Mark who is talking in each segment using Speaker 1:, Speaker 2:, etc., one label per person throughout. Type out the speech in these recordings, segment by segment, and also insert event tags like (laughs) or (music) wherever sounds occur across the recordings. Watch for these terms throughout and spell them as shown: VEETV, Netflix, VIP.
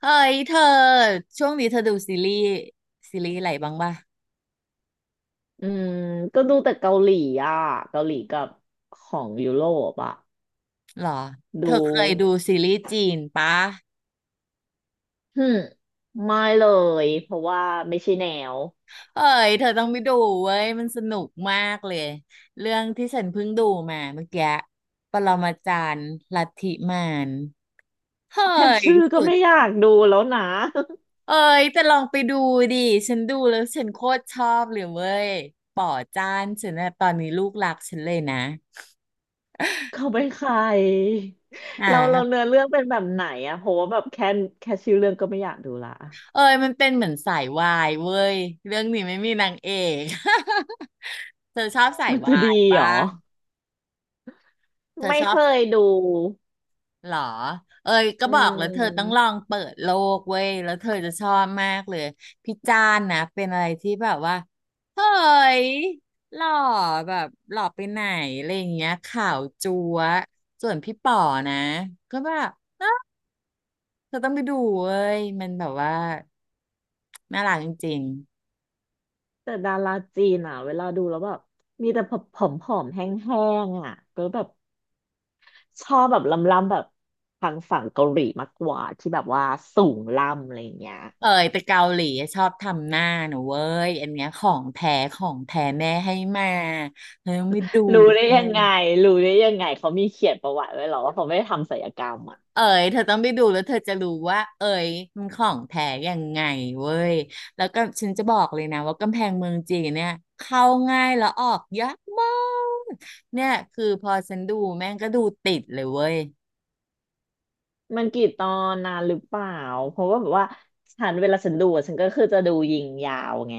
Speaker 1: เฮ้ยเธอช่วงนี้เธอดูซีรีส์ซีรีส์อะไรบ้างป่ะ
Speaker 2: อืมก็ดูแต่เกาหลีอ่ะเกาหลีกับของยุโรปอ่ะ
Speaker 1: หรอเธ
Speaker 2: ดู
Speaker 1: อเคยดูซีรีส์จีนปะ
Speaker 2: ฮึมไม่เลยเพราะว่าไม่ใช่แนว
Speaker 1: เฮ้ยเธอต้องไปดูเว้ยมันสนุกมากเลยเรื่องที่ฉันเพิ่งดูมาเมื่อกี้ปรมาจารย์ลัทธิมารเฮ้
Speaker 2: แค่
Speaker 1: ย
Speaker 2: ชื่อก็
Speaker 1: สุด
Speaker 2: ไม่อยากดูแล้วนะ (laughs)
Speaker 1: เอ้ยแต่ลองไปดูดิฉันดูแล้วฉันโคตรชอบเลยเว้ยป่อจ้านฉันนะตอนนี้ลูกรักฉันเลยนะ
Speaker 2: เขาเป็นใคร
Speaker 1: อ่
Speaker 2: เรา
Speaker 1: า
Speaker 2: เนื้อเรื่องเป็นแบบไหนอะเพราะว่าแบบแค่ชื่อเรื่องก็ไม่อยากดูละ
Speaker 1: เอยมันเป็นเหมือนสายวายเว้ยเรื่องนี้ไม่มีนางเอก (laughs) เธอชอบสาย
Speaker 2: มันจะ
Speaker 1: วา
Speaker 2: ดี
Speaker 1: ย
Speaker 2: เหร
Speaker 1: ป่ะ
Speaker 2: อ
Speaker 1: เธอ
Speaker 2: ไม่
Speaker 1: ชอ
Speaker 2: เค
Speaker 1: บ
Speaker 2: ยดู
Speaker 1: เหรอเอยก็
Speaker 2: อื
Speaker 1: บอกแล้วเธอต้องลอ
Speaker 2: ม
Speaker 1: งเปิดโลกเว้ยแล้วเธอจะชอบมากเลยพี่จานนะเป็นอะไรที่แบบว่าเฮ้ยหล่อแบบหล่อไปไหนอะไรอย่างเงี้ยขาวจั๊วะส่วนพี่ป๋อนะก็แบบเธอต้องไปดูเว้ยมันแบบว่าน่ารักจริง
Speaker 2: แต่ดาราจีนอะเวลาดูแล้วแบบมีแต่ผอมๆแห้งๆอะก็แบบ ชอบแบบล้ำๆแบบทางฝั่งเกาหลีมากกว่าที่แบบว่าสูงล่ำอะไรอย่างเงี้ย
Speaker 1: เอยไปเกาหลีชอบทำหน้าหนูเว้ยอันเนี้ยของแท้ของแท้แม่ให้มาเธอต้องไปดู
Speaker 2: รู้ได้
Speaker 1: เว้
Speaker 2: ยัง
Speaker 1: ย
Speaker 2: ไงรู้ได้ยังไงเขามีเขียนประวัติไว้เหรอว่าเขาไม่ได้ทำศัลยกรรมอ่ะ
Speaker 1: เอ๋ยเธอต้องไปดูแล้วเธอจะรู้ว่าเอ๋ยมันของแท้ยังไงเว้ยแล้วก็ฉันจะบอกเลยนะว่ากำแพงเมืองจีนเนี่ยเข้าง่ายแล้วออกยากมากเนี่ยคือพอฉันดูแม่งก็ดูติดเลยเว้ย
Speaker 2: มันกี่ตอนนานหรือเปล่าเพราะว่าแบบว่าฉันเวลาฉันดูอะฉันก็คือจะดูยิงยาวไง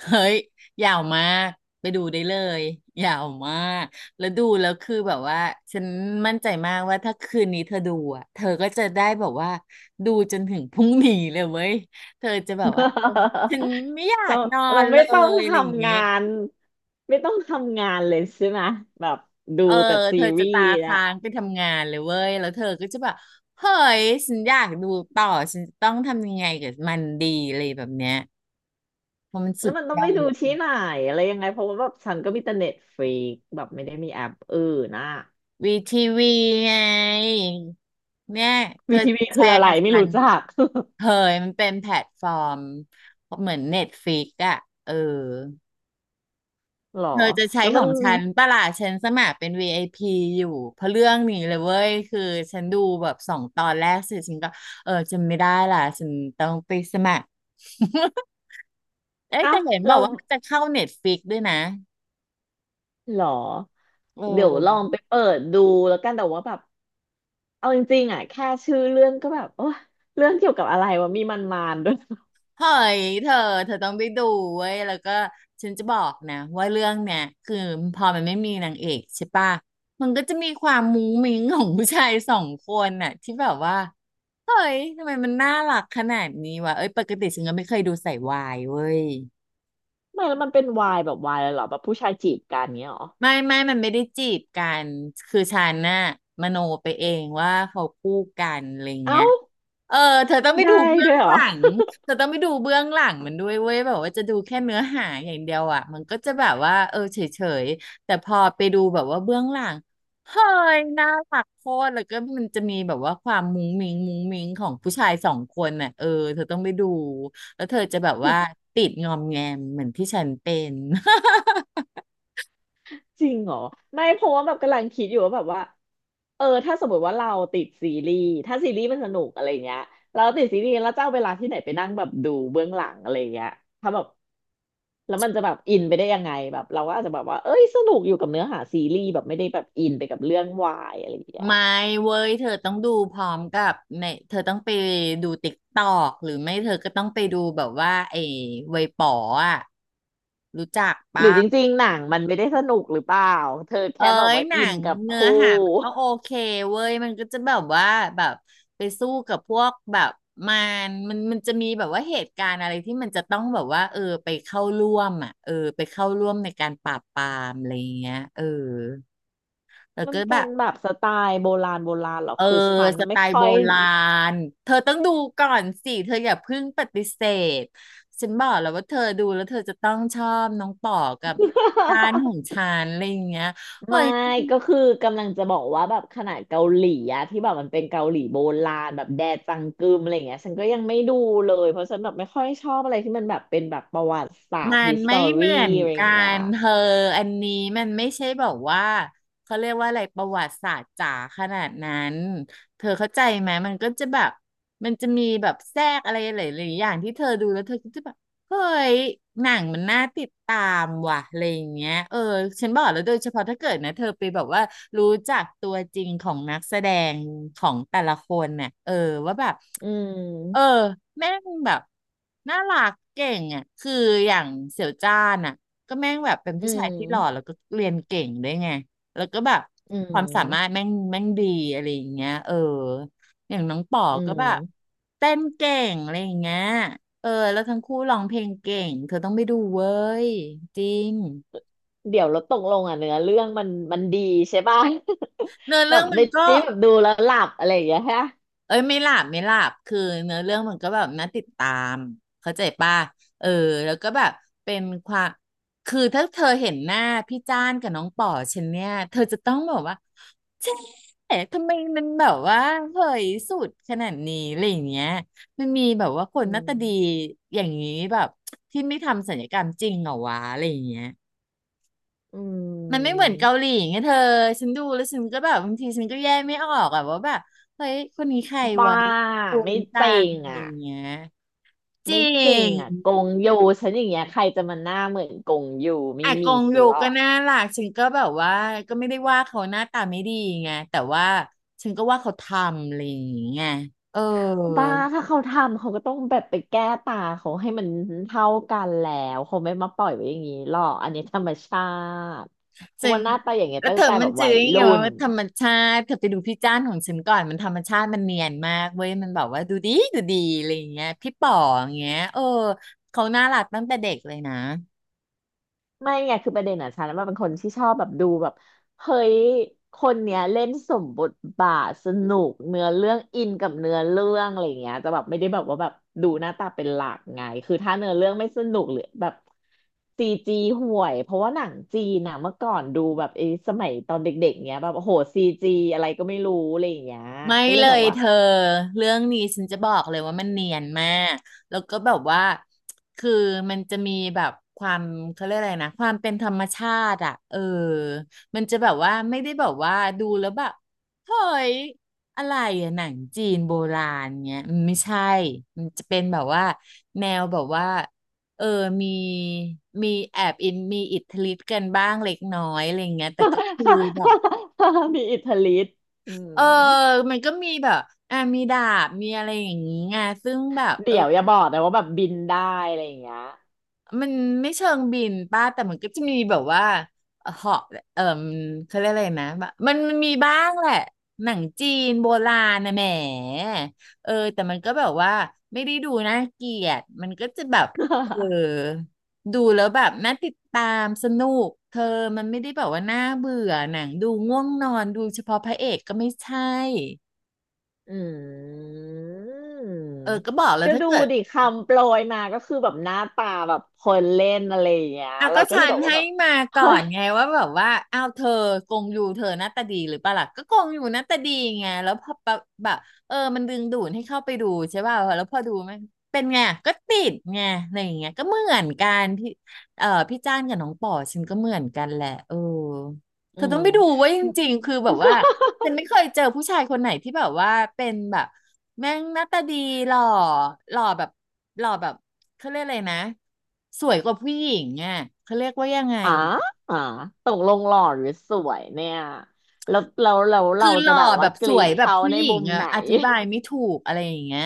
Speaker 1: เฮ้ยยาวมากไปดูได้เลยยาวมากแล้วดูแล้วคือแบบว่าฉันมั่นใจมากว่าถ้าคืนนี้เธอดูอ่ะเธอก็จะได้แบบว่าดูจนถึงพรุ่งนี้เลยเว้ยเธอจะแบบ
Speaker 2: (laughs)
Speaker 1: ว่าฉันไม่อยา
Speaker 2: เรา
Speaker 1: กนอ
Speaker 2: เรา
Speaker 1: นเล
Speaker 2: ไม่ต้อง
Speaker 1: ย
Speaker 2: ท
Speaker 1: อะไรอย่าง
Speaker 2: ำ
Speaker 1: งี้
Speaker 2: งานไม่ต้องทำงานเลยใช่ไหมแบบดู
Speaker 1: เออ
Speaker 2: แต่ซี
Speaker 1: เธอ
Speaker 2: รี
Speaker 1: จะตา
Speaker 2: ส์นะ
Speaker 1: ค้างไปทำงานเลยเว้ยแล้วเธอก็จะแบบเฮ้ยฉันอยากดูต่อฉันจะต้องทำยังไงกับมันดีอะไรแบบเนี้ยเพราะมัน
Speaker 2: แล้
Speaker 1: สุ
Speaker 2: ว
Speaker 1: ด
Speaker 2: มันต้อ
Speaker 1: ย
Speaker 2: ง
Speaker 1: อ
Speaker 2: ไปดู
Speaker 1: ด
Speaker 2: ที่ไหนอะไรยังไงเพราะว่าแบบฉันก็มีแต่เน็ตฟรีแบบไม่ได้มีแอปอื่นนะ
Speaker 1: วีทีวีไงเนี่ยเธ
Speaker 2: วี
Speaker 1: อ
Speaker 2: ทีวี
Speaker 1: แช
Speaker 2: คืออะ
Speaker 1: ร์
Speaker 2: ไร
Speaker 1: กับ
Speaker 2: ไม่
Speaker 1: ฉั
Speaker 2: รู้
Speaker 1: น
Speaker 2: จัก
Speaker 1: เฮ้ยมันเป็นแพลตฟอร์มเหมือนเน็ตฟ i ิกอะเออ
Speaker 2: (laughs) หรอ
Speaker 1: เธอจะใช้
Speaker 2: แล้ว
Speaker 1: ข
Speaker 2: มั
Speaker 1: อ
Speaker 2: น
Speaker 1: งฉันปะล่ะฉันสมัครเป็น VIP อพีอยู่เพราะเรื่องนี้เลยเว้ยคือฉันดูแบบสองตอนแรกเสร็จฉันก็เออจำไม่ได้ล่ะฉันต้องไปสมัคร (laughs) เอ้ย
Speaker 2: เอ้า
Speaker 1: แต่เห็นบอ
Speaker 2: เรา
Speaker 1: กว่ามันจะเข้าเน็ตฟ i ิกด้วยนะ
Speaker 2: หรอ
Speaker 1: โอ
Speaker 2: เดี๋ยวลอง
Speaker 1: ้
Speaker 2: ไปเปิดดูแล้วกันแต่ว่าแบบเอาจริงๆอ่ะแค่ชื่อเรื่องก็แบบโอ้เรื่องเกี่ยวกับอะไรวะมีมันมานด้วย
Speaker 1: เฮ้ยเธอเธอต้องไปดูเว้ยแล้วก็ฉันจะบอกนะว่าเรื่องเนี่ยคือพอมันไม่มีนางเอกใช่ปะมันก็จะมีความมุ้งมิ้งของผู้ชายสองคนน่ะที่แบบว่าเฮ้ยทำไมมันน่ารักขนาดนี้วะเอ้ยปกติฉันก็ไม่เคยดูใส่วายเว้ย
Speaker 2: ไม่แล้วมันเป็นวายแบบวายเลยเหรอแบบผู้ชายจีบกันเงี้ยเหรอ
Speaker 1: ไม่ไม่มันไม่ได้จีบกันคือฉันน่ะมโนไปเองว่าเขาคู่กันอะไรเงี้
Speaker 2: เอ้า
Speaker 1: ย เออเธอต้องไปดู
Speaker 2: ได้
Speaker 1: เบื้อ
Speaker 2: ด้
Speaker 1: ง
Speaker 2: วยเหร
Speaker 1: ห
Speaker 2: อ
Speaker 1: ลังเธอต้องไปดูเบื้องหลังมันด้วยเว้ยแบบว่าจะดูแค่เนื้อหาอย่างเดียวอ่ะมันก็จะแบบว่าเออเฉยๆแต่พอไปดูแบบว่าเบื้องหลังเฮ้ยน่ารักโคตรแล้วก็มันจะมีแบบว่าความมุ้งมิ้งมุ้งมิ้งของผู้ชายสองคนน่ะเออเธอต้องไปดูแล้วเธอจะแบบว่าติดงอมแงมเหมือนที่ฉันเป็น
Speaker 2: จริงเหรอไม่เพราะว่าแบบกำลังคิดอยู่ว่าแบบว่าเออถ้าสมมติว่าเราติดซีรีส์ถ้าซีรีส์มันสนุกอะไรเงี้ยเราติดซีรีส์แล้วจะเอาเวลาที่ไหนไปนั่งแบบดูเบื้องหลังอะไรเงี้ยถ้าแบบแล้วมันจะแบบอินไปได้ยังไงแบบเราก็อาจจะแบบว่าเอ้ยสนุกอยู่กับเนื้อหาซีรีส์แบบไม่ได้แบบอินไปกับเรื่องวายอะไรอย่างเงี้ย
Speaker 1: ไม่เว้ยเธอต้องดูพร้อมกับในเธอต้องไปดูติ๊กตอกหรือไม่เธอก็ต้องไปดูแบบว่าไอ้เวยป๋ออ่ะรู้จัก
Speaker 2: หรื
Speaker 1: ปะ
Speaker 2: อจริงๆหนังมันไม่ได้สนุกหรือเปล่าเธอ
Speaker 1: เอ้
Speaker 2: แค่แบบ
Speaker 1: ย
Speaker 2: ว่า
Speaker 1: หนั
Speaker 2: อิน
Speaker 1: ง
Speaker 2: กับ
Speaker 1: เนื้อ
Speaker 2: คู่
Speaker 1: หามันก็โอเคเว้ยมันก็จะแบบว่าแบบไปสู้กับพวกแบบมัมันมันจะมีแบบว่าเหตุการณ์อะไรที่มันจะต้องแบบว่าเออไปเข้าร่วมอ่ะเออไปเข้าร่วมในการปราบปรามอะไรอย่างเงี้ยเออแล้ว
Speaker 2: มัน
Speaker 1: ก็แบ
Speaker 2: เป็น
Speaker 1: บ
Speaker 2: แบบสไตล์โบราณโบราณเหรอ
Speaker 1: เออ
Speaker 2: คือฉัน
Speaker 1: สไต
Speaker 2: ไม่
Speaker 1: ล์
Speaker 2: ค่
Speaker 1: โบ
Speaker 2: อย
Speaker 1: ราณเธอต้องดูก่อนสิเธออย่าเพิ่งปฏิเสธฉันบอกแล้วว่าเธอดูแล้วเธอจะต้องชอบน้องป๋อกับจานขอ
Speaker 2: (laughs)
Speaker 1: งฉันอะไรอย่างเงี้ยเฮ้
Speaker 2: ไม่
Speaker 1: ย
Speaker 2: ก็คือกำลังจะบอกว่าแบบขนาดเกาหลีอะที่แบบมันเป็นเกาหลีโบราณแบบแดจังกึมอะไรเงี้ยฉันก็ยังไม่ดูเลยเพราะฉันแบบไม่ค่อยชอบอะไรที่มันแบบเป็นแบบประวัติศาสต
Speaker 1: มั
Speaker 2: ร์ฮิ
Speaker 1: น
Speaker 2: สต
Speaker 1: ไม่
Speaker 2: อ
Speaker 1: เห
Speaker 2: รี
Speaker 1: มือน
Speaker 2: อะไรอ
Speaker 1: กั
Speaker 2: ย่างเงี้ย
Speaker 1: นเธออันนี้มันไม่ใช่บอกว่าเขาเรียกว่าอะไรประวัติศาสตร์จ๋าขนาดนั้นเธอเข้าใจไหมมันก็จะแบบมันจะมีแบบแทรกอะไรหลายๆอย่างที่เธอดูแล้วเธอก็จะแบบ เฮ้ยหนังมันน่าติดตามว่ะอะไรอย่างเงี้ยเออฉันบอกแล้วโดยเฉพาะถ้าเกิดนะเธอไปแบบว่ารู้จักตัวจริงของนักแสดงของแต่ละคนเนี่ยเออว่าแบบ
Speaker 2: อื
Speaker 1: เออ
Speaker 2: ม
Speaker 1: แม่งแบบน่ารักเก่งอ่ะคืออย่างเสี่ยวจ้านอ่ะก็แม่งแบบเป็น
Speaker 2: อื
Speaker 1: ผู้ชายที่หล่อแล้ว
Speaker 2: ม
Speaker 1: ก็เรียนเก่งด้วยไงแล้วก็แบบ
Speaker 2: อื
Speaker 1: ความสามารถ
Speaker 2: ม
Speaker 1: แม่งดีอะไรอย่างเงี้ยเอออย่างน้องป๋อ
Speaker 2: อื
Speaker 1: ก็
Speaker 2: ม
Speaker 1: แบบเต้นเก่งอะไรอย่างเงี้ย เออแล้วทั้งคู่ร้องเพลงเก่งเธอต้องไปดูเว้ยจริง
Speaker 2: เดี๋ยวเราตกลงอ่ะเนื้อเรื่องมันดีใช่ป่ะ (laughs)
Speaker 1: เนื้อ
Speaker 2: แบ
Speaker 1: เรื่อ
Speaker 2: บ
Speaker 1: งมัน
Speaker 2: ไม่
Speaker 1: ก็
Speaker 2: ได้แบบดูแล้วหลับอะไรอย่างเงี้ยฮะ
Speaker 1: เอ้ยไม่หลับไม่หลับคือเนื้อเรื่องมันก็แบบน่าติดตามเข้าใจป่ะเออแล้วก็แบบเป็นความคือถ้าเธอเห็นหน้าพี่จ้านกับน้องป๋อฉันเนี่ยเธอจะต้องแบบว่าเอ๊ะทำไมมันแบบว่าเผยสุดขนาดนี้อะไรอย่างเงี้ยมันมีแบบว่าคน
Speaker 2: อื
Speaker 1: หน้าตาดี
Speaker 2: ม
Speaker 1: อย่างนี้แบบที่ไม่ทำศัลยกรรมจริงเหรอวะอะไรอย่างเงี้ย
Speaker 2: อื
Speaker 1: มันไม่เหมือนเกาห
Speaker 2: ม
Speaker 1: ลีไงเธอ ฉันดูแล้วฉันก็แบบบางทีฉันก็แยกไม่ออกอะว่าแบบเฮ้ยคนนี้ใคร
Speaker 2: บ้า
Speaker 1: วะก
Speaker 2: ไม่
Speaker 1: งต่า
Speaker 2: เจ๋
Speaker 1: ง
Speaker 2: ง
Speaker 1: อะไร
Speaker 2: อ่ะ
Speaker 1: อย่างเงี้ยจริ
Speaker 2: ไม่จริงอ่ะ
Speaker 1: ง
Speaker 2: กงยูฉันอย่างเงี้ยใครจะมาหน้าเหมือนกงยูไม่
Speaker 1: อาก
Speaker 2: มี
Speaker 1: ง
Speaker 2: ส
Speaker 1: อยู่
Speaker 2: ล็อ
Speaker 1: ก็
Speaker 2: ก
Speaker 1: น่ารักฉันก็แบบว่าก็ไม่ได้ว่าเขาหน้าตาไม่ดีไงแต่ว่าฉันก็ว่าเขาทำอะไรอย่างเงี้ยเออ
Speaker 2: บ้าถ้าเขาทำเขาก็ต้องแบบไปแก้ตาเขาให้มันเท่ากันแล้วเขาไม่มาปล่อยไว้อย่างนี้หรอกอันนี้ธรรมชาติเพ
Speaker 1: จึ
Speaker 2: ราะ
Speaker 1: ง
Speaker 2: ว่าหน้าตาอย่างเงี้ย
Speaker 1: แล้ว
Speaker 2: ตั้
Speaker 1: เธ
Speaker 2: ง
Speaker 1: อ
Speaker 2: แต่
Speaker 1: มั
Speaker 2: แบ
Speaker 1: น
Speaker 2: บ
Speaker 1: จื้
Speaker 2: วั
Speaker 1: อ
Speaker 2: ย
Speaker 1: ยังไง
Speaker 2: รุ่น
Speaker 1: ว่าธรรมชาติเธอไปดูพี่จ้านของฉันก่อน มันธรรมชาติมันเนียนมากเว้ยมันแบบว่าดูดีดูดีอะไรอย่างเงี้ยพี่ป๋ออย่างเงี้ยเออเขาน่ารักตั้งแต่เด็กเลยนะ
Speaker 2: ไม่ไงคือประเด็นอ่ะฉันว่าเป็นคนที่ชอบแบบดูแบบเฮ้ยคนเนี้ยเล่นสมบทบาทสนุกเนื้อเรื่องอินกับเนื้อเรื่องอะไรอย่างเงี้ยจะแบบไม่ได้แบบว่าแบบดูหน้าตาเป็นหลักไงคือถ้าเนื้อเรื่องไม่สนุกหรือแบบซีจีห่วยเพราะว่าหนังจีนอ่ะเมื่อก่อนดูแบบไอ้สมัยตอนเด็กๆเงี้ยแบบโอ้โหซีจีอะไรก็ไม่รู้อะไรอย่างเงี้ย
Speaker 1: ไม่
Speaker 2: ก็เล
Speaker 1: เล
Speaker 2: ยแบ
Speaker 1: ย
Speaker 2: บว่า
Speaker 1: เธอเรื่องนี้ฉันจะบอกเลยว่ามันเนียนมากแล้วก็แบบว่าคือมันจะมีแบบความเขาเรียกอะไรนะความเป็นธรรมชาติอ่ะเออมันจะแบบว่าไม่ได้แบบว่าดูแล้วแบบเฮ้ยอะไรอะหนังจีนโบราณเงี้ยมันไม่ใช่มันจะเป็นแบบว่าแนวแบบว่าเออมีมีแอบอินมีอิทธิฤทธิ์กันบ้างเล็กน้อยอะไรเงี้ยแต่ก็คือแบบ
Speaker 2: (laughs) มีอิทธิฤทธิ์อื
Speaker 1: เออ
Speaker 2: ม
Speaker 1: มันก็มีแบบอ่ะมีดาบมีอะไรอย่างนี้ไงซึ่งแบบเอ
Speaker 2: เดี๋
Speaker 1: อ
Speaker 2: ยวอย่าบอกนะว่าแบบบินได้อะไรอย่างเงี้ย
Speaker 1: มันไม่เชิงบินป้าแต่มันก็จะมีแบบว่าเหาะเออมเขาเรียกอะไรนะแบบมันมีบ้างแหละหนังจีนโบราณนะแหมเออแต่มันก็แบบว่าไม่ได้ดูน่าเกลียดมันก็จะแบบเออ
Speaker 2: (laughs)
Speaker 1: ดูแล้วแบบน่าติดตามสนุกเธอมันไม่ได้แบบว่าน่าเบื่อหนังดูง่วงนอนดูเฉพาะพระเอกก็ไม่ใช่
Speaker 2: อืม
Speaker 1: เออก็บอกแล้ว
Speaker 2: ก็
Speaker 1: ถ้า
Speaker 2: ดู
Speaker 1: เกิด
Speaker 2: ดิคำโปรยมาก็คือแบบหน้าตาแบบคนเล่นอะไรอย่างเงี้ย
Speaker 1: เอา
Speaker 2: เรา
Speaker 1: ก็
Speaker 2: ก็เล
Speaker 1: ฉั
Speaker 2: ย
Speaker 1: น
Speaker 2: บอกว่า
Speaker 1: ให้
Speaker 2: แบบ
Speaker 1: มาก่อ
Speaker 2: เฮ้ย
Speaker 1: นไงว่าแบบว่าเอาเธอกงยูเธอหน้าตาดีหรือเปล่าล่ะก็กงยูหน้าตาดีไงแล้วพอแบบแบบเออมันดึงดูดให้เข้าไปดูใช่ป่ะแล้วพอดูมันเป็นไงก็ติดไงอะไรอย่างเงี้ยก็เหมือนกันพี่เออพี่จ้านกับน้องป่อฉันก็เหมือนกันแหละเออเธ
Speaker 2: อื
Speaker 1: อต้องไปดู
Speaker 2: ม
Speaker 1: เว่าจริงๆคือแบบว่า ฉันไม่เคยเจอผู้ชายคนไหนที่แบบว่าเป็นแบบแม่งหน้าตาดีหล่อหล่อแบบหล่อแบบเขาเรียกอะไรนะสวยกว่าผู้หญิงอ่ะเขาเรียกว่ายังไง
Speaker 2: อ่ออ่อตกลงหล่อหรือสวยเนี่ยแล้วเรา
Speaker 1: คือห
Speaker 2: จะ
Speaker 1: ล่อ
Speaker 2: แบบ
Speaker 1: แบ
Speaker 2: ว่า
Speaker 1: บ
Speaker 2: ก
Speaker 1: ส
Speaker 2: รี
Speaker 1: วย
Speaker 2: ด
Speaker 1: แบบ
Speaker 2: เขา
Speaker 1: ผู้
Speaker 2: ใน
Speaker 1: หญิ
Speaker 2: มุ
Speaker 1: ง
Speaker 2: มไห
Speaker 1: อ่ะ
Speaker 2: น
Speaker 1: อธิบายไม่ถูกอะไรอย่างเงี้ย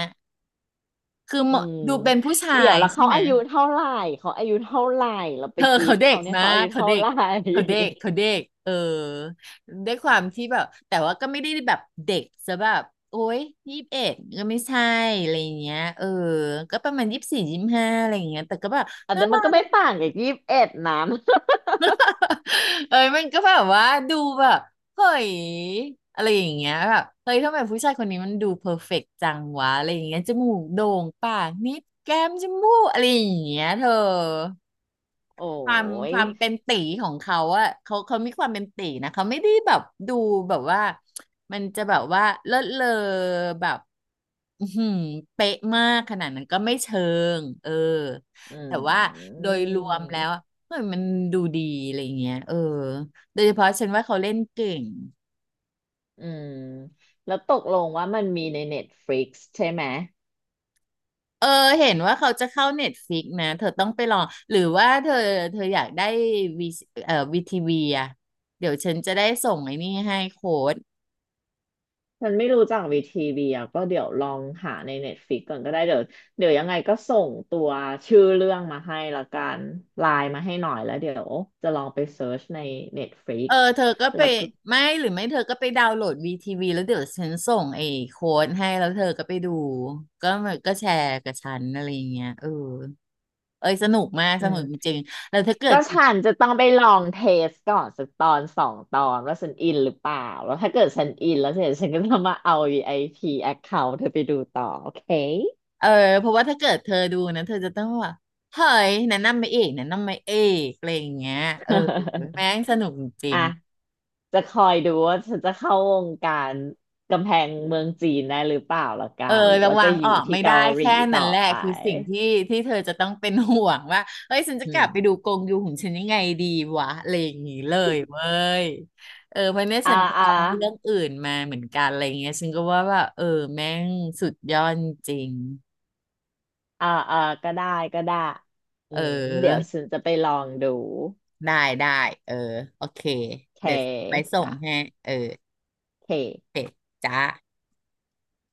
Speaker 1: คือเห
Speaker 2: อื
Speaker 1: มาะ
Speaker 2: ม
Speaker 1: ดูเป็นผู้ชา
Speaker 2: เดี๋ยว
Speaker 1: ย
Speaker 2: แล้ว
Speaker 1: ใช่
Speaker 2: เขา
Speaker 1: ไหม
Speaker 2: อายุเท่าไหร่เขาอายุเท่าไหร่เราไป
Speaker 1: เธอ
Speaker 2: กรี
Speaker 1: เขา
Speaker 2: ด
Speaker 1: เด็
Speaker 2: เขา
Speaker 1: ก
Speaker 2: เนี่ย
Speaker 1: นะ
Speaker 2: เขาอายุ
Speaker 1: เขา
Speaker 2: เท่า
Speaker 1: เด็
Speaker 2: ไห
Speaker 1: ก
Speaker 2: ร่
Speaker 1: เขาเด็ก
Speaker 2: (laughs)
Speaker 1: เขาเด็กเออด้วยความที่แบบแต่ว่าก็ไม่ได้แบบเด็กซะแบบโอ๊ย21ก็ไม่ใช่อะไรอย่างเงี้ยเออก็ประมาณ24-25อะไรอย่างเงี้ยแต่ก็แบบ
Speaker 2: อัน
Speaker 1: น่า
Speaker 2: นั้น
Speaker 1: รั
Speaker 2: มันก็ไม่
Speaker 1: ก
Speaker 2: ต่างกับ21นน (laughs)
Speaker 1: เอ้ยมันก็แบบว่าดูแบบเฮ้ยอะไรอย่างเงี้ยแบบเฮ้ยทำไมผู้ชายคนนี้มันดูเพอร์เฟกต์จังวะอะไรอย่างเงี้ยจมูกโด่งปากนิดแก้มจมูกอะไรอย่างเงี้ยเธอ
Speaker 2: โอ้
Speaker 1: ความค
Speaker 2: ย
Speaker 1: วามเป็นตีของเขาอะเขามีความเป็นตีนะ เขาไม่ได้แบบดูแบบว่ามันจะแบบว่าเลิศเลอแบบอื้อหือเป๊ะมากขนาดนั้นก็ไม่เชิงเออ
Speaker 2: อื
Speaker 1: แต่ว่า
Speaker 2: ม
Speaker 1: โดยรวมแล้วอะเฮ้ยมันดูดีอะไรเงี้ยเออโดยเฉพาะฉันว่าเขาเล่นเก่ง
Speaker 2: อืมแล้วตกลงว่ามันมีใน Netflix ใช่ไหม
Speaker 1: เออเห็นว่าเขาจะเข้าเน็ตฟิกนะเธอต้องไปลองหรือว่าเธอเธออยากได้วีวีทีวีอะเดี๋ยวฉันจะได้ส่งไอ้นี่ให้โค้ด
Speaker 2: มันไม่รู้จักวีทีวีอ่ะก็เดี๋ยวลองหาใน Netflix ก่อนก็ได้เดี๋ยวเดี๋ยวยังไงก็ส่งตัวชื่อเรื่องมาให้ละกันไลน์มาให้หน่อยแล้วเดี๋ยวจะลองไปเซิร์ชใน
Speaker 1: เอ
Speaker 2: Netflix
Speaker 1: อเธอก็ไป
Speaker 2: แล้วก็
Speaker 1: ไม่หรือไม่เธอก็ไปดาวน์โหลดวีทีวีแล้วเดี๋ยวฉันส่งไอ้โค้ดให้แล้วเธอก็ไปดูก็มันก็แชร์กับฉันอะไรอย่างเงี้ยเออเอ้ยสนุกมาก
Speaker 2: อื
Speaker 1: สนุกจ
Speaker 2: ม
Speaker 1: ริงๆแล้วถ้าเกิ
Speaker 2: ก็
Speaker 1: ด
Speaker 2: ฉันจะต้องไปลองเทสก่อนสักตอนสองตอนว่าฉันอินหรือเปล่าแล้วถ้าเกิดฉันอินแล้วเสร็จฉันก็จะมาเอาวีไอ i ี account เธอไปดูต่อโอเค
Speaker 1: เออเพราะว่าถ้าเกิดเธอดูนะเธอจะต้องว่าเฮ้ยแนะนำมาเอกแนะนำมาเอกอะไรอย่างเงี้ยเออแม่งสนุกจริ
Speaker 2: อ่ะ
Speaker 1: ง
Speaker 2: จะคอยดูว่าฉันจะเข้าวงการกำแพงเมืองจีนได้หรือเปล่าละกั
Speaker 1: เออ
Speaker 2: นหรือ
Speaker 1: ระ
Speaker 2: ว่า
Speaker 1: วั
Speaker 2: จะ
Speaker 1: ง
Speaker 2: อ
Speaker 1: อ
Speaker 2: ยู่
Speaker 1: อก
Speaker 2: ที่
Speaker 1: ไม่
Speaker 2: เกา
Speaker 1: ได้
Speaker 2: หลี
Speaker 1: แค่
Speaker 2: ต่
Speaker 1: นั้
Speaker 2: อ
Speaker 1: นแหละ
Speaker 2: ไป
Speaker 1: คือสิ่งที่ที่เธอจะต้องเป็นห่วงว่าเฮ้ยฉันจะ
Speaker 2: อื
Speaker 1: กลับไปดู
Speaker 2: ม
Speaker 1: กงยูของฉันยังไงดีวะอะไรอย่างงี้เลยเว้ยเออเพราะเนี่ย
Speaker 2: อ่า
Speaker 1: ฉันก็
Speaker 2: อ่า
Speaker 1: ลองเรื่องอื่นมาเหมือนกันอะไรเงี้ยฉันก็ว่าเออแม่งสุดยอดจริง
Speaker 2: อ่าอ่าก็ได้ก็ได้ อื
Speaker 1: เอ
Speaker 2: มเดี๋ยว
Speaker 1: อ
Speaker 2: ฉันจะไปลองดู
Speaker 1: ได้ได้เออโอเค
Speaker 2: โอเค
Speaker 1: เดี๋ยวไปส่ง
Speaker 2: จ้ะ
Speaker 1: ให้เออ
Speaker 2: โอเค
Speaker 1: เสร็จจ้า